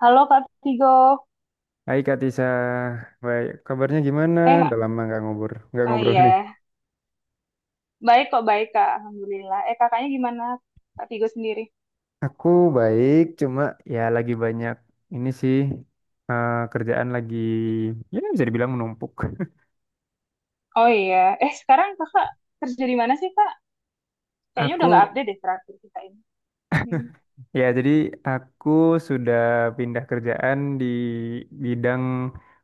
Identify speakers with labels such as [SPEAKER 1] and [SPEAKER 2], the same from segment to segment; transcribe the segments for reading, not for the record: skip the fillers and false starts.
[SPEAKER 1] Halo Kak Tigo.
[SPEAKER 2] Hai Kak Tisa, baik. Kabarnya gimana?
[SPEAKER 1] Eh,
[SPEAKER 2] Udah lama nggak
[SPEAKER 1] oh
[SPEAKER 2] ngobrol nih.
[SPEAKER 1] iya. Baik kok, baik Kak. Alhamdulillah. Kakaknya gimana? Kak Tigo sendiri.
[SPEAKER 2] Aku baik, cuma ya lagi banyak ini sih, kerjaan lagi ya bisa dibilang menumpuk.
[SPEAKER 1] Oh iya. Sekarang kakak kerja di mana sih, Kak? Kayaknya udah
[SPEAKER 2] Aku
[SPEAKER 1] nggak update deh terakhir kita ini. Mm-mm.
[SPEAKER 2] ya jadi aku sudah pindah kerjaan di bidang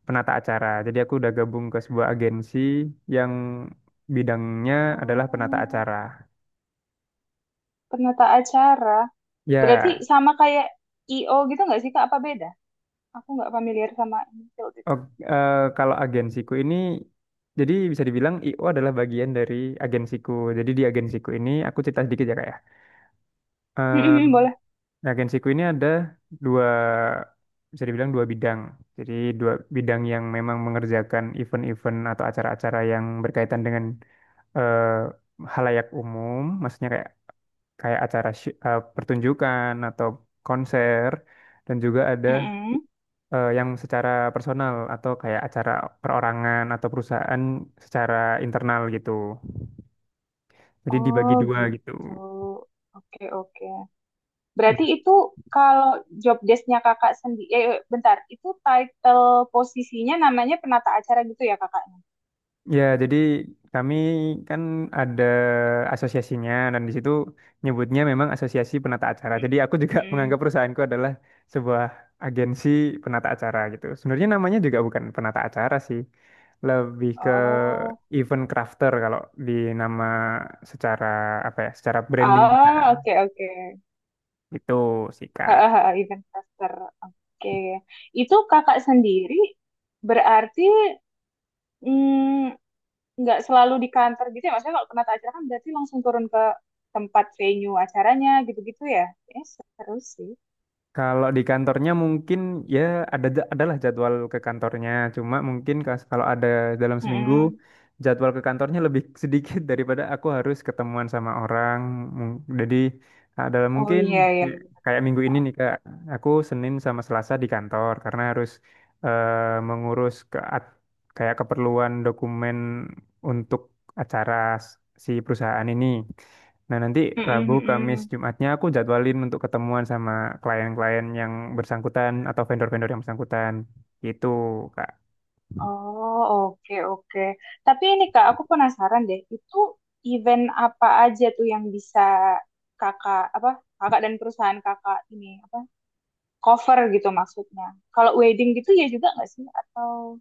[SPEAKER 2] penata acara. Jadi aku udah gabung ke sebuah agensi yang bidangnya adalah penata
[SPEAKER 1] Oh,
[SPEAKER 2] acara.
[SPEAKER 1] penata acara. Berarti
[SPEAKER 2] Ya.
[SPEAKER 1] sama kayak IO gitu nggak sih, Kak? Apa beda? Aku nggak familiar sama ini field
[SPEAKER 2] Oh,
[SPEAKER 1] itu.
[SPEAKER 2] kalau agensiku ini, jadi bisa dibilang IO adalah bagian dari agensiku. Jadi di agensiku ini, aku cerita sedikit ya kak ya. Eh,
[SPEAKER 1] Mm-mm, boleh.
[SPEAKER 2] di agensiku ini ada dua, bisa dibilang dua bidang. Jadi dua bidang yang memang mengerjakan event-event atau acara-acara yang berkaitan dengan halayak umum, maksudnya kayak kayak acara pertunjukan atau konser, dan juga ada
[SPEAKER 1] Mm-mm.
[SPEAKER 2] yang secara personal atau kayak acara perorangan atau perusahaan secara internal gitu. Jadi dibagi
[SPEAKER 1] Oh,
[SPEAKER 2] dua gitu.
[SPEAKER 1] gitu. Oke, oke. Berarti
[SPEAKER 2] Nah.
[SPEAKER 1] itu kalau job desk-nya kakak sendiri, eh bentar, itu title posisinya namanya penata acara gitu ya kakaknya?
[SPEAKER 2] Ya, jadi kami kan ada asosiasinya dan di situ nyebutnya memang asosiasi penata acara. Jadi aku juga
[SPEAKER 1] Mm-mm.
[SPEAKER 2] menganggap perusahaanku adalah sebuah agensi penata acara gitu. Sebenarnya namanya juga bukan penata acara sih. Lebih ke
[SPEAKER 1] Oh,
[SPEAKER 2] event crafter kalau di nama secara apa ya, secara branding kita.
[SPEAKER 1] ah, oke oke.
[SPEAKER 2] Itu sih, Kak.
[SPEAKER 1] Hahaha, event caster. Oke. Itu kakak sendiri berarti mm, nggak selalu di kantor gitu ya? Maksudnya kalau penata acara kan berarti langsung turun ke tempat venue acaranya gitu-gitu ya? Seru sih.
[SPEAKER 2] Kalau di kantornya mungkin ya ada adalah jadwal ke kantornya, cuma mungkin kalau ada dalam seminggu
[SPEAKER 1] Mm-mm.
[SPEAKER 2] jadwal ke kantornya lebih sedikit daripada aku harus ketemuan sama orang. Jadi adalah
[SPEAKER 1] Oh
[SPEAKER 2] mungkin
[SPEAKER 1] iya iya.
[SPEAKER 2] kayak
[SPEAKER 1] Benar.
[SPEAKER 2] kayak minggu ini nih Kak, aku Senin sama Selasa di kantor karena harus eh, mengurus ke kayak keperluan dokumen untuk acara s- si perusahaan ini. Nah, nanti
[SPEAKER 1] Mm-mm,
[SPEAKER 2] Rabu, Kamis,
[SPEAKER 1] mm-mm.
[SPEAKER 2] Jumatnya aku jadwalin untuk ketemuan sama klien-klien yang bersangkutan atau vendor-vendor yang bersangkutan. Gitu, Kak.
[SPEAKER 1] Oh, oke, oke. Tapi ini Kak, aku penasaran deh, itu event apa aja tuh yang bisa kakak, apa, kakak dan perusahaan kakak ini, apa, cover gitu maksudnya. Kalau wedding gitu ya juga nggak sih? Atau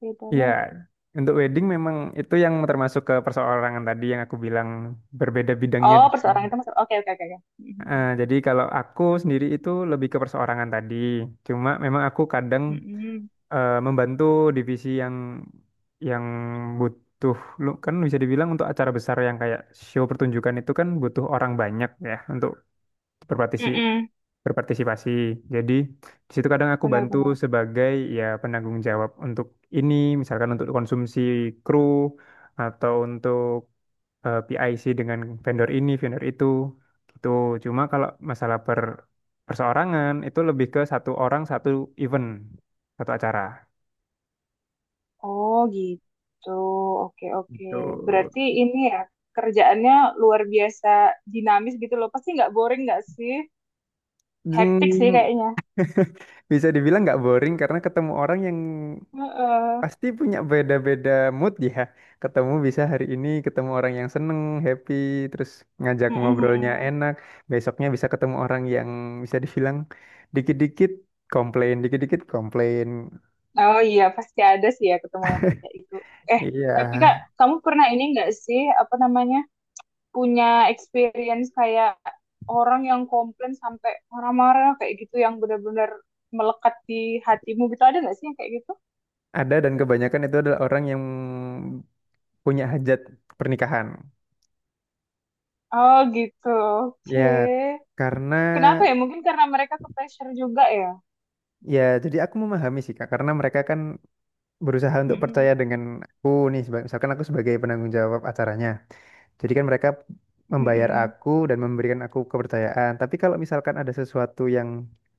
[SPEAKER 1] beda
[SPEAKER 2] Ya,
[SPEAKER 1] lagi?
[SPEAKER 2] untuk wedding memang itu yang termasuk ke perseorangan tadi yang aku bilang berbeda bidangnya.
[SPEAKER 1] Oh, perseorangan
[SPEAKER 2] dengan-
[SPEAKER 1] itu maksud, oke, oke, oke. Oke. Mm-mm.
[SPEAKER 2] Jadi kalau aku sendiri itu lebih ke perseorangan tadi. Cuma memang aku kadang
[SPEAKER 1] Mm-mm.
[SPEAKER 2] membantu divisi yang butuh lu kan bisa dibilang untuk acara besar yang kayak show pertunjukan itu kan butuh orang banyak ya untuk berpartisi-
[SPEAKER 1] Mm-mm.
[SPEAKER 2] berpartisipasi. Jadi di situ kadang aku bantu
[SPEAKER 1] Benar-benar.
[SPEAKER 2] sebagai ya penanggung jawab untuk ini, misalkan untuk konsumsi kru atau untuk PIC dengan vendor ini, vendor itu, gitu. Cuma kalau masalah perseorangan itu lebih ke satu orang satu event, satu acara.
[SPEAKER 1] Oh, gitu. Oke, oke.
[SPEAKER 2] Itu
[SPEAKER 1] Berarti ini ya, kerjaannya luar biasa dinamis gitu loh. Pasti nggak boring nggak sih? Hektik sih kayaknya.
[SPEAKER 2] bisa dibilang nggak boring karena ketemu orang yang
[SPEAKER 1] Heeh.
[SPEAKER 2] pasti punya beda-beda mood ya. Ketemu bisa hari ini ketemu orang yang seneng, happy, terus ngajak
[SPEAKER 1] Mm, mm,
[SPEAKER 2] ngobrolnya
[SPEAKER 1] mm.
[SPEAKER 2] enak. Besoknya bisa ketemu orang yang bisa dibilang dikit-dikit komplain, dikit-dikit komplain.
[SPEAKER 1] Oh iya, pasti ada sih ya ketemu yang kayak itu. Eh,
[SPEAKER 2] Iya,
[SPEAKER 1] tapi Kak, kamu pernah ini nggak sih, apa namanya, punya experience kayak orang yang komplain sampai marah-marah kayak gitu, yang benar-benar melekat di hatimu gitu, ada nggak sih yang kayak gitu?
[SPEAKER 2] ada dan kebanyakan itu adalah orang yang punya hajat pernikahan.
[SPEAKER 1] Oh gitu,
[SPEAKER 2] Ya,
[SPEAKER 1] oke.
[SPEAKER 2] karena
[SPEAKER 1] Kenapa ya? Mungkin karena mereka ke pressure juga ya.
[SPEAKER 2] ya jadi aku memahami sih Kak, karena mereka kan berusaha untuk percaya
[SPEAKER 1] Mm-mm.
[SPEAKER 2] dengan aku nih, misalkan aku sebagai penanggung jawab acaranya. Jadi kan mereka membayar
[SPEAKER 1] Mm-mm.
[SPEAKER 2] aku dan memberikan aku kepercayaan. Tapi kalau misalkan ada sesuatu yang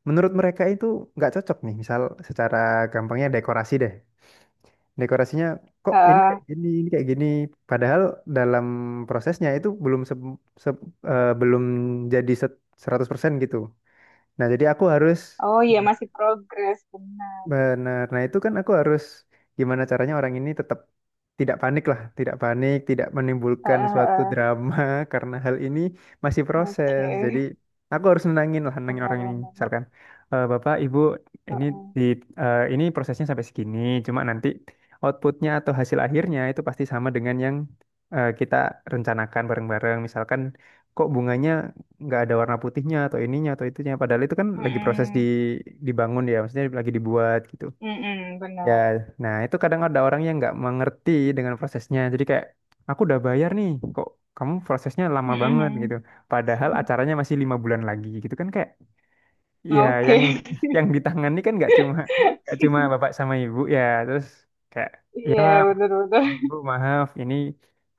[SPEAKER 2] menurut mereka itu nggak cocok nih, misal secara gampangnya dekorasi deh. Dekorasinya kok ini kayak
[SPEAKER 1] Ah,
[SPEAKER 2] gini, ini kayak gini. Padahal dalam prosesnya itu belum se- belum jadi 100% gitu. Nah, jadi aku harus
[SPEAKER 1] oh iya, masih progres, benar.
[SPEAKER 2] benar. Nah, itu kan aku harus gimana caranya orang ini tetap tidak panik lah, tidak panik, tidak
[SPEAKER 1] Ah,
[SPEAKER 2] menimbulkan
[SPEAKER 1] ah,
[SPEAKER 2] suatu
[SPEAKER 1] ah.
[SPEAKER 2] drama karena hal ini masih proses.
[SPEAKER 1] Oke,
[SPEAKER 2] Jadi aku harus nenangin lah, nenangin orang ini.
[SPEAKER 1] benar-benar.
[SPEAKER 2] Misalkan, "Eh, Bapak, Ibu, ini di ini prosesnya sampai segini, cuma nanti outputnya atau hasil akhirnya itu pasti sama dengan yang kita rencanakan bareng-bareng. Misalkan kok bunganya nggak ada warna putihnya atau ininya atau itunya padahal itu kan lagi proses di
[SPEAKER 1] Mm-mm.
[SPEAKER 2] dibangun ya maksudnya lagi dibuat gitu
[SPEAKER 1] Mm-mm,
[SPEAKER 2] ya."
[SPEAKER 1] benar.
[SPEAKER 2] Nah itu kadang ada orang yang nggak mengerti dengan prosesnya jadi kayak, "Aku udah bayar nih kok kamu prosesnya lama banget
[SPEAKER 1] Mm-mm.
[SPEAKER 2] gitu." Padahal acaranya masih 5 bulan lagi gitu kan kayak ya yang
[SPEAKER 1] Oke.
[SPEAKER 2] yang ditangani kan nggak cuma bapak sama ibu ya terus kayak ya,
[SPEAKER 1] Iya, benar-benar.
[SPEAKER 2] "Bu, maaf, ini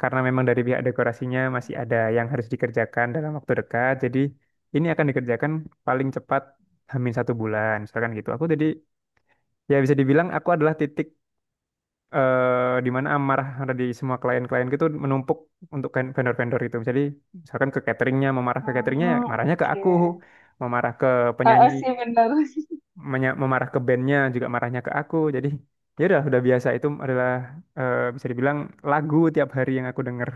[SPEAKER 2] karena memang dari pihak dekorasinya masih ada yang harus dikerjakan dalam waktu dekat. Jadi ini akan dikerjakan paling cepat hamin 1 bulan," misalkan gitu. Aku jadi ya bisa dibilang aku adalah titik di mana amarah dari semua klien-klien gitu menumpuk untuk vendor-vendor itu. Jadi misalkan ke cateringnya, memarah ke cateringnya, ya
[SPEAKER 1] Oh,
[SPEAKER 2] marahnya ke
[SPEAKER 1] oke.
[SPEAKER 2] aku, memarah ke
[SPEAKER 1] Ah,
[SPEAKER 2] penyanyi,
[SPEAKER 1] sih benar.
[SPEAKER 2] memarah ke bandnya juga marahnya ke aku. Jadi ya udah biasa itu adalah bisa dibilang lagu tiap hari yang aku denger.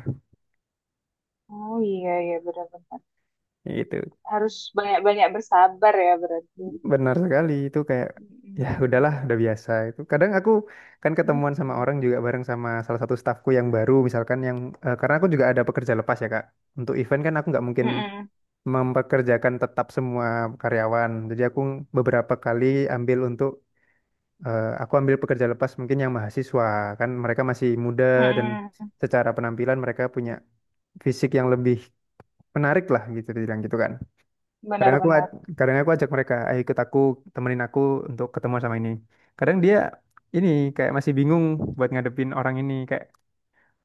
[SPEAKER 1] Oh iya iya benar-benar.
[SPEAKER 2] Itu
[SPEAKER 1] Harus banyak-banyak bersabar ya berarti.
[SPEAKER 2] benar sekali itu kayak ya
[SPEAKER 1] Mm-mm.
[SPEAKER 2] udahlah udah biasa itu. Kadang aku kan ketemuan sama
[SPEAKER 1] Mm-mm.
[SPEAKER 2] orang juga bareng sama salah satu stafku yang baru misalkan karena aku juga ada pekerja lepas ya Kak. Untuk event kan aku nggak mungkin
[SPEAKER 1] Mm-mm.
[SPEAKER 2] mempekerjakan tetap semua karyawan. Jadi aku beberapa kali ambil untuk aku ambil pekerja lepas mungkin yang mahasiswa kan mereka masih muda dan
[SPEAKER 1] Mm-mm.
[SPEAKER 2] secara penampilan mereka punya fisik yang lebih menarik lah gitu dibilang gitu kan. Kadang aku
[SPEAKER 1] Benar-benar.
[SPEAKER 2] aj- Kadang aku ajak mereka, ayo ikut aku, temenin aku untuk ketemu sama ini. Kadang dia ini kayak masih bingung buat ngadepin orang ini kayak,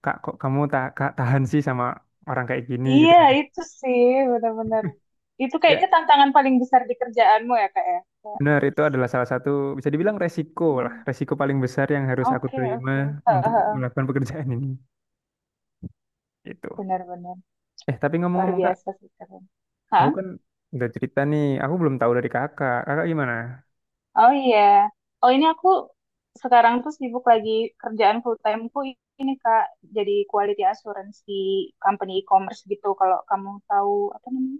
[SPEAKER 2] "Kak, kok kamu tak tahan sih sama orang kayak gini
[SPEAKER 1] Iya,
[SPEAKER 2] gitu kan."
[SPEAKER 1] itu sih benar-benar. Itu
[SPEAKER 2] Ya,
[SPEAKER 1] kayaknya tantangan paling besar di kerjaanmu ya, Kak ya. Kayak,
[SPEAKER 2] benar itu adalah salah satu bisa dibilang resiko lah,
[SPEAKER 1] mm,
[SPEAKER 2] resiko paling besar yang harus aku
[SPEAKER 1] oke,
[SPEAKER 2] terima
[SPEAKER 1] oke. Heeh,
[SPEAKER 2] untuk
[SPEAKER 1] heeh.
[SPEAKER 2] melakukan pekerjaan ini. Itu
[SPEAKER 1] Benar-benar.
[SPEAKER 2] Tapi
[SPEAKER 1] Luar
[SPEAKER 2] ngomong-ngomong Kak,
[SPEAKER 1] biasa sih keren. Hah?
[SPEAKER 2] aku kan udah cerita nih, aku belum tahu dari Kakak. Kakak gimana?
[SPEAKER 1] Oh iya. Oh ini aku sekarang tuh sibuk lagi kerjaan full timeku ini Kak, jadi quality assurance di company e-commerce gitu. Kalau kamu tahu apa namanya?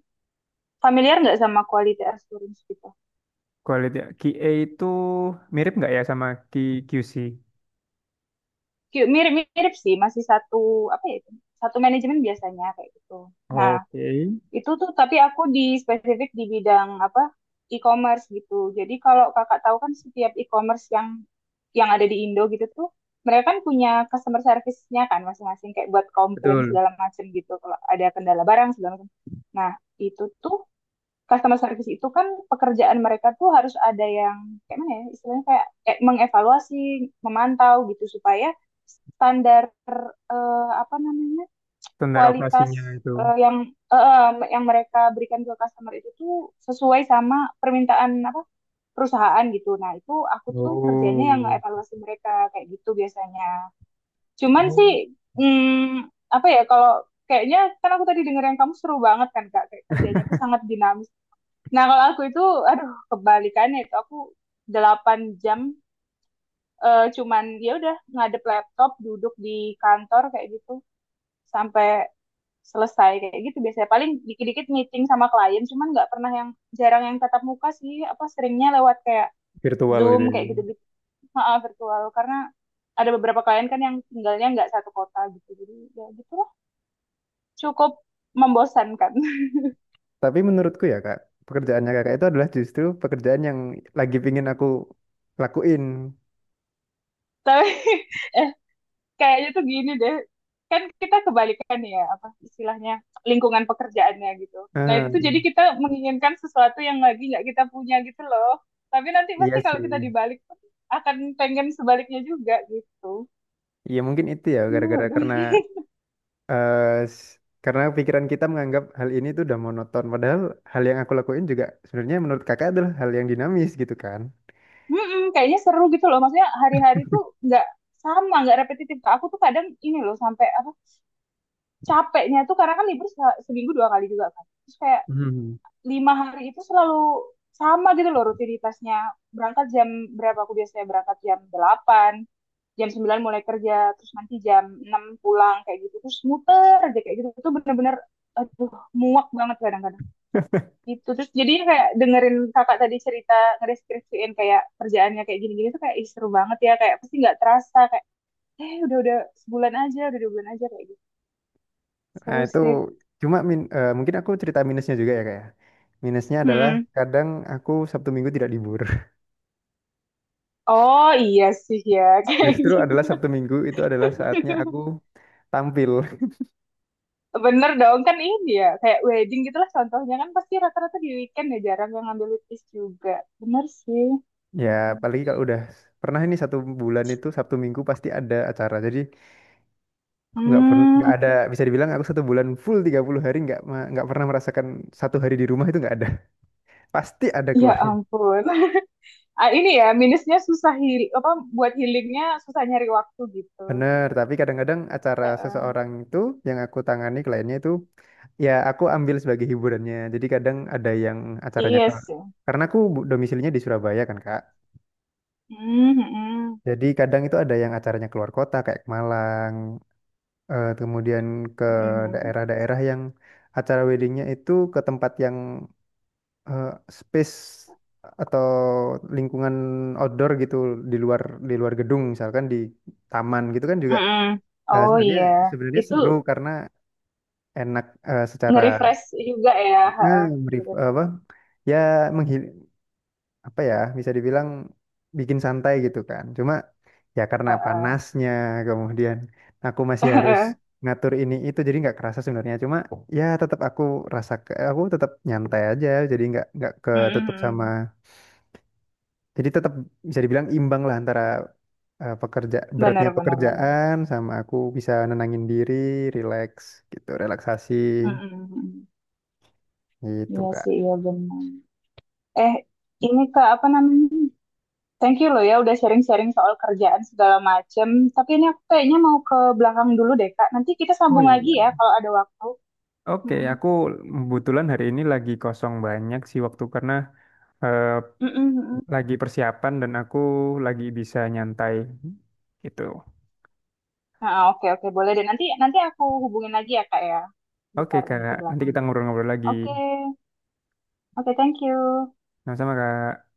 [SPEAKER 1] Familiar nggak sama quality assurance gitu?
[SPEAKER 2] Kualitas QA itu mirip nggak ya sama QC?
[SPEAKER 1] Mirip-mirip sih, masih satu apa ya itu? Satu manajemen biasanya kayak gitu. Nah,
[SPEAKER 2] Oke.
[SPEAKER 1] itu tuh tapi aku di spesifik di bidang apa? E-commerce gitu. Jadi kalau kakak tahu kan setiap e-commerce yang ada di Indo gitu tuh mereka kan punya customer service-nya kan masing-masing kayak buat komplain
[SPEAKER 2] Betul,
[SPEAKER 1] segala macam gitu kalau ada kendala barang segala macam. Nah, itu tuh customer service itu kan pekerjaan mereka tuh harus ada yang kayak mana ya istilahnya kayak mengevaluasi, memantau gitu supaya standar apa namanya
[SPEAKER 2] standar
[SPEAKER 1] kualitas
[SPEAKER 2] operasinya itu.
[SPEAKER 1] eh, yang eh, yang mereka berikan ke customer itu tuh sesuai sama permintaan apa perusahaan gitu. Nah, itu aku tuh kerjanya yang
[SPEAKER 2] Oh.
[SPEAKER 1] evaluasi mereka kayak gitu biasanya. Cuman
[SPEAKER 2] Oh.
[SPEAKER 1] sih hmm, apa ya kalau kayaknya kan aku tadi denger yang kamu seru banget kan Kak, kayak kerjanya itu sangat dinamis. Nah, kalau aku itu aduh kebalikannya itu aku 8 jam cuman ya udah ngadep laptop, duduk di kantor kayak gitu sampai selesai kayak gitu biasanya paling dikit-dikit meeting sama klien cuman nggak pernah yang jarang yang tatap muka sih apa seringnya lewat kayak
[SPEAKER 2] Virtual
[SPEAKER 1] zoom
[SPEAKER 2] itu ya.
[SPEAKER 1] kayak gitu gitu, maaf, virtual karena ada beberapa klien kan yang tinggalnya nggak satu kota gitu jadi ya gitu lah cukup membosankan.
[SPEAKER 2] Tapi menurutku ya kak, pekerjaannya kakak itu adalah justru pekerjaan yang lagi pingin aku lakuin.
[SPEAKER 1] Tapi eh kayaknya tuh gini deh, kan kita kebalikan ya apa istilahnya lingkungan pekerjaannya gitu, nah itu
[SPEAKER 2] Ah,
[SPEAKER 1] tuh jadi kita menginginkan sesuatu yang lagi nggak kita punya gitu loh, tapi nanti
[SPEAKER 2] iya
[SPEAKER 1] pasti kalau
[SPEAKER 2] sih.
[SPEAKER 1] kita dibalik pun akan pengen sebaliknya juga gitu.
[SPEAKER 2] Iya mungkin itu ya gara-gara
[SPEAKER 1] Waduh.
[SPEAKER 2] karena eh, s- karena pikiran kita menganggap hal ini tuh udah monoton. Padahal hal yang aku lakuin juga sebenarnya menurut kakak adalah hal yang dinamis gitu kan.
[SPEAKER 1] Mm-mm, kayaknya seru gitu loh maksudnya hari-hari tuh nggak sama, nggak repetitif, aku tuh kadang ini loh sampai apa capeknya tuh karena kan libur seminggu 2 kali juga kan terus kayak 5 hari itu selalu sama gitu loh rutinitasnya. Berangkat jam berapa, aku biasanya berangkat jam 8, jam 9 mulai kerja, terus nanti jam 6 pulang kayak gitu. Terus muter aja kayak gitu. Itu bener-bener aduh muak banget kadang-kadang. Gitu. Terus jadi kayak dengerin kakak tadi cerita ngedeskripsiin kayak kerjaannya kayak gini-gini tuh kayak, "Ih, seru banget ya. Kayak pasti nggak terasa kayak eh udah-udah sebulan aja, udah 2 bulan aja kayak gitu."
[SPEAKER 2] Nah,
[SPEAKER 1] Seru
[SPEAKER 2] itu
[SPEAKER 1] sih.
[SPEAKER 2] cuma mungkin aku cerita minusnya juga ya kayak. Minusnya adalah
[SPEAKER 1] Mm.
[SPEAKER 2] kadang aku Sabtu Minggu tidak libur.
[SPEAKER 1] Oh iya sih ya kayak
[SPEAKER 2] Justru
[SPEAKER 1] gitu.
[SPEAKER 2] adalah Sabtu Minggu itu adalah saatnya aku tampil.
[SPEAKER 1] Bener dong, kan ini ya, kayak wedding gitu lah contohnya kan pasti rata-rata di weekend ya, jarang yang ngambil weekdays juga. Bener sih.
[SPEAKER 2] Ya, apalagi kalau udah pernah ini satu bulan itu Sabtu Minggu pasti ada acara. Jadi aku nggak pernah nggak
[SPEAKER 1] Hmm,
[SPEAKER 2] ada, bisa dibilang aku satu bulan full 30 hari nggak pernah merasakan satu hari di rumah itu nggak ada. Pasti ada
[SPEAKER 1] ya
[SPEAKER 2] keluar.
[SPEAKER 1] ampun. Ah, ini ya, minusnya susah heal, apa, buat healingnya susah nyari waktu gitu.
[SPEAKER 2] Bener, tapi kadang-kadang acara
[SPEAKER 1] Heeh.
[SPEAKER 2] seseorang itu yang aku tangani kliennya itu ya aku ambil sebagai hiburannya. Jadi kadang ada yang acaranya ke
[SPEAKER 1] Iya sih.
[SPEAKER 2] karena aku domisilinya di Surabaya kan Kak.
[SPEAKER 1] Hmm, hmm,
[SPEAKER 2] Jadi kadang itu ada yang acaranya keluar kota kayak ke Malang, kemudian ke
[SPEAKER 1] hmm,
[SPEAKER 2] daerah-daerah yang acara weddingnya itu ke tempat yang eh, space atau lingkungan outdoor gitu di luar di luar gedung misalkan di taman gitu kan
[SPEAKER 1] hmm,
[SPEAKER 2] juga.
[SPEAKER 1] hmm. Oh
[SPEAKER 2] Sebenarnya
[SPEAKER 1] iya,
[SPEAKER 2] sebenarnya
[SPEAKER 1] itu
[SPEAKER 2] seru karena enak secara
[SPEAKER 1] nge-refresh juga ya.
[SPEAKER 2] eh,
[SPEAKER 1] Heeh.
[SPEAKER 2] beri, apa
[SPEAKER 1] Bener-bener.
[SPEAKER 2] ya menghil apa ya bisa dibilang bikin santai gitu kan cuma ya karena
[SPEAKER 1] Heeh.
[SPEAKER 2] panasnya kemudian aku masih harus ngatur ini itu jadi nggak kerasa sebenarnya cuma ya tetap aku aku tetap nyantai aja jadi nggak
[SPEAKER 1] Hmm,
[SPEAKER 2] ketutup
[SPEAKER 1] hmm,
[SPEAKER 2] sama
[SPEAKER 1] hmm.
[SPEAKER 2] jadi tetap bisa dibilang imbang lah antara pekerja
[SPEAKER 1] Bener,
[SPEAKER 2] beratnya
[SPEAKER 1] bener, bener.
[SPEAKER 2] pekerjaan sama aku bisa nenangin diri relax gitu relaksasi
[SPEAKER 1] Hmm, hmm, hmm. Hmm.
[SPEAKER 2] gitu
[SPEAKER 1] Iya
[SPEAKER 2] kak.
[SPEAKER 1] sih, iya benar. Eh, ini Kak, apa namanya? Thank you loh ya udah sharing-sharing soal kerjaan segala macem. Tapi ini aku kayaknya mau ke belakang dulu deh Kak. Nanti kita
[SPEAKER 2] Oh
[SPEAKER 1] sambung lagi ya
[SPEAKER 2] iya.
[SPEAKER 1] kalau ada waktu.
[SPEAKER 2] Oke,
[SPEAKER 1] Mm-mm.
[SPEAKER 2] aku kebetulan hari ini lagi kosong banyak sih waktu karena eh,
[SPEAKER 1] Mm-mm, mm-mm.
[SPEAKER 2] lagi persiapan dan aku lagi bisa nyantai gitu.
[SPEAKER 1] Nah, oke oke boleh deh. Nanti nanti aku hubungin lagi ya Kak ya.
[SPEAKER 2] Oke,
[SPEAKER 1] Bentar
[SPEAKER 2] Kak.
[SPEAKER 1] ini ke
[SPEAKER 2] Nanti
[SPEAKER 1] belakang
[SPEAKER 2] kita
[SPEAKER 1] dulu.
[SPEAKER 2] ngobrol-ngobrol lagi.
[SPEAKER 1] Oke, oke thank you.
[SPEAKER 2] Sama-sama, Kak.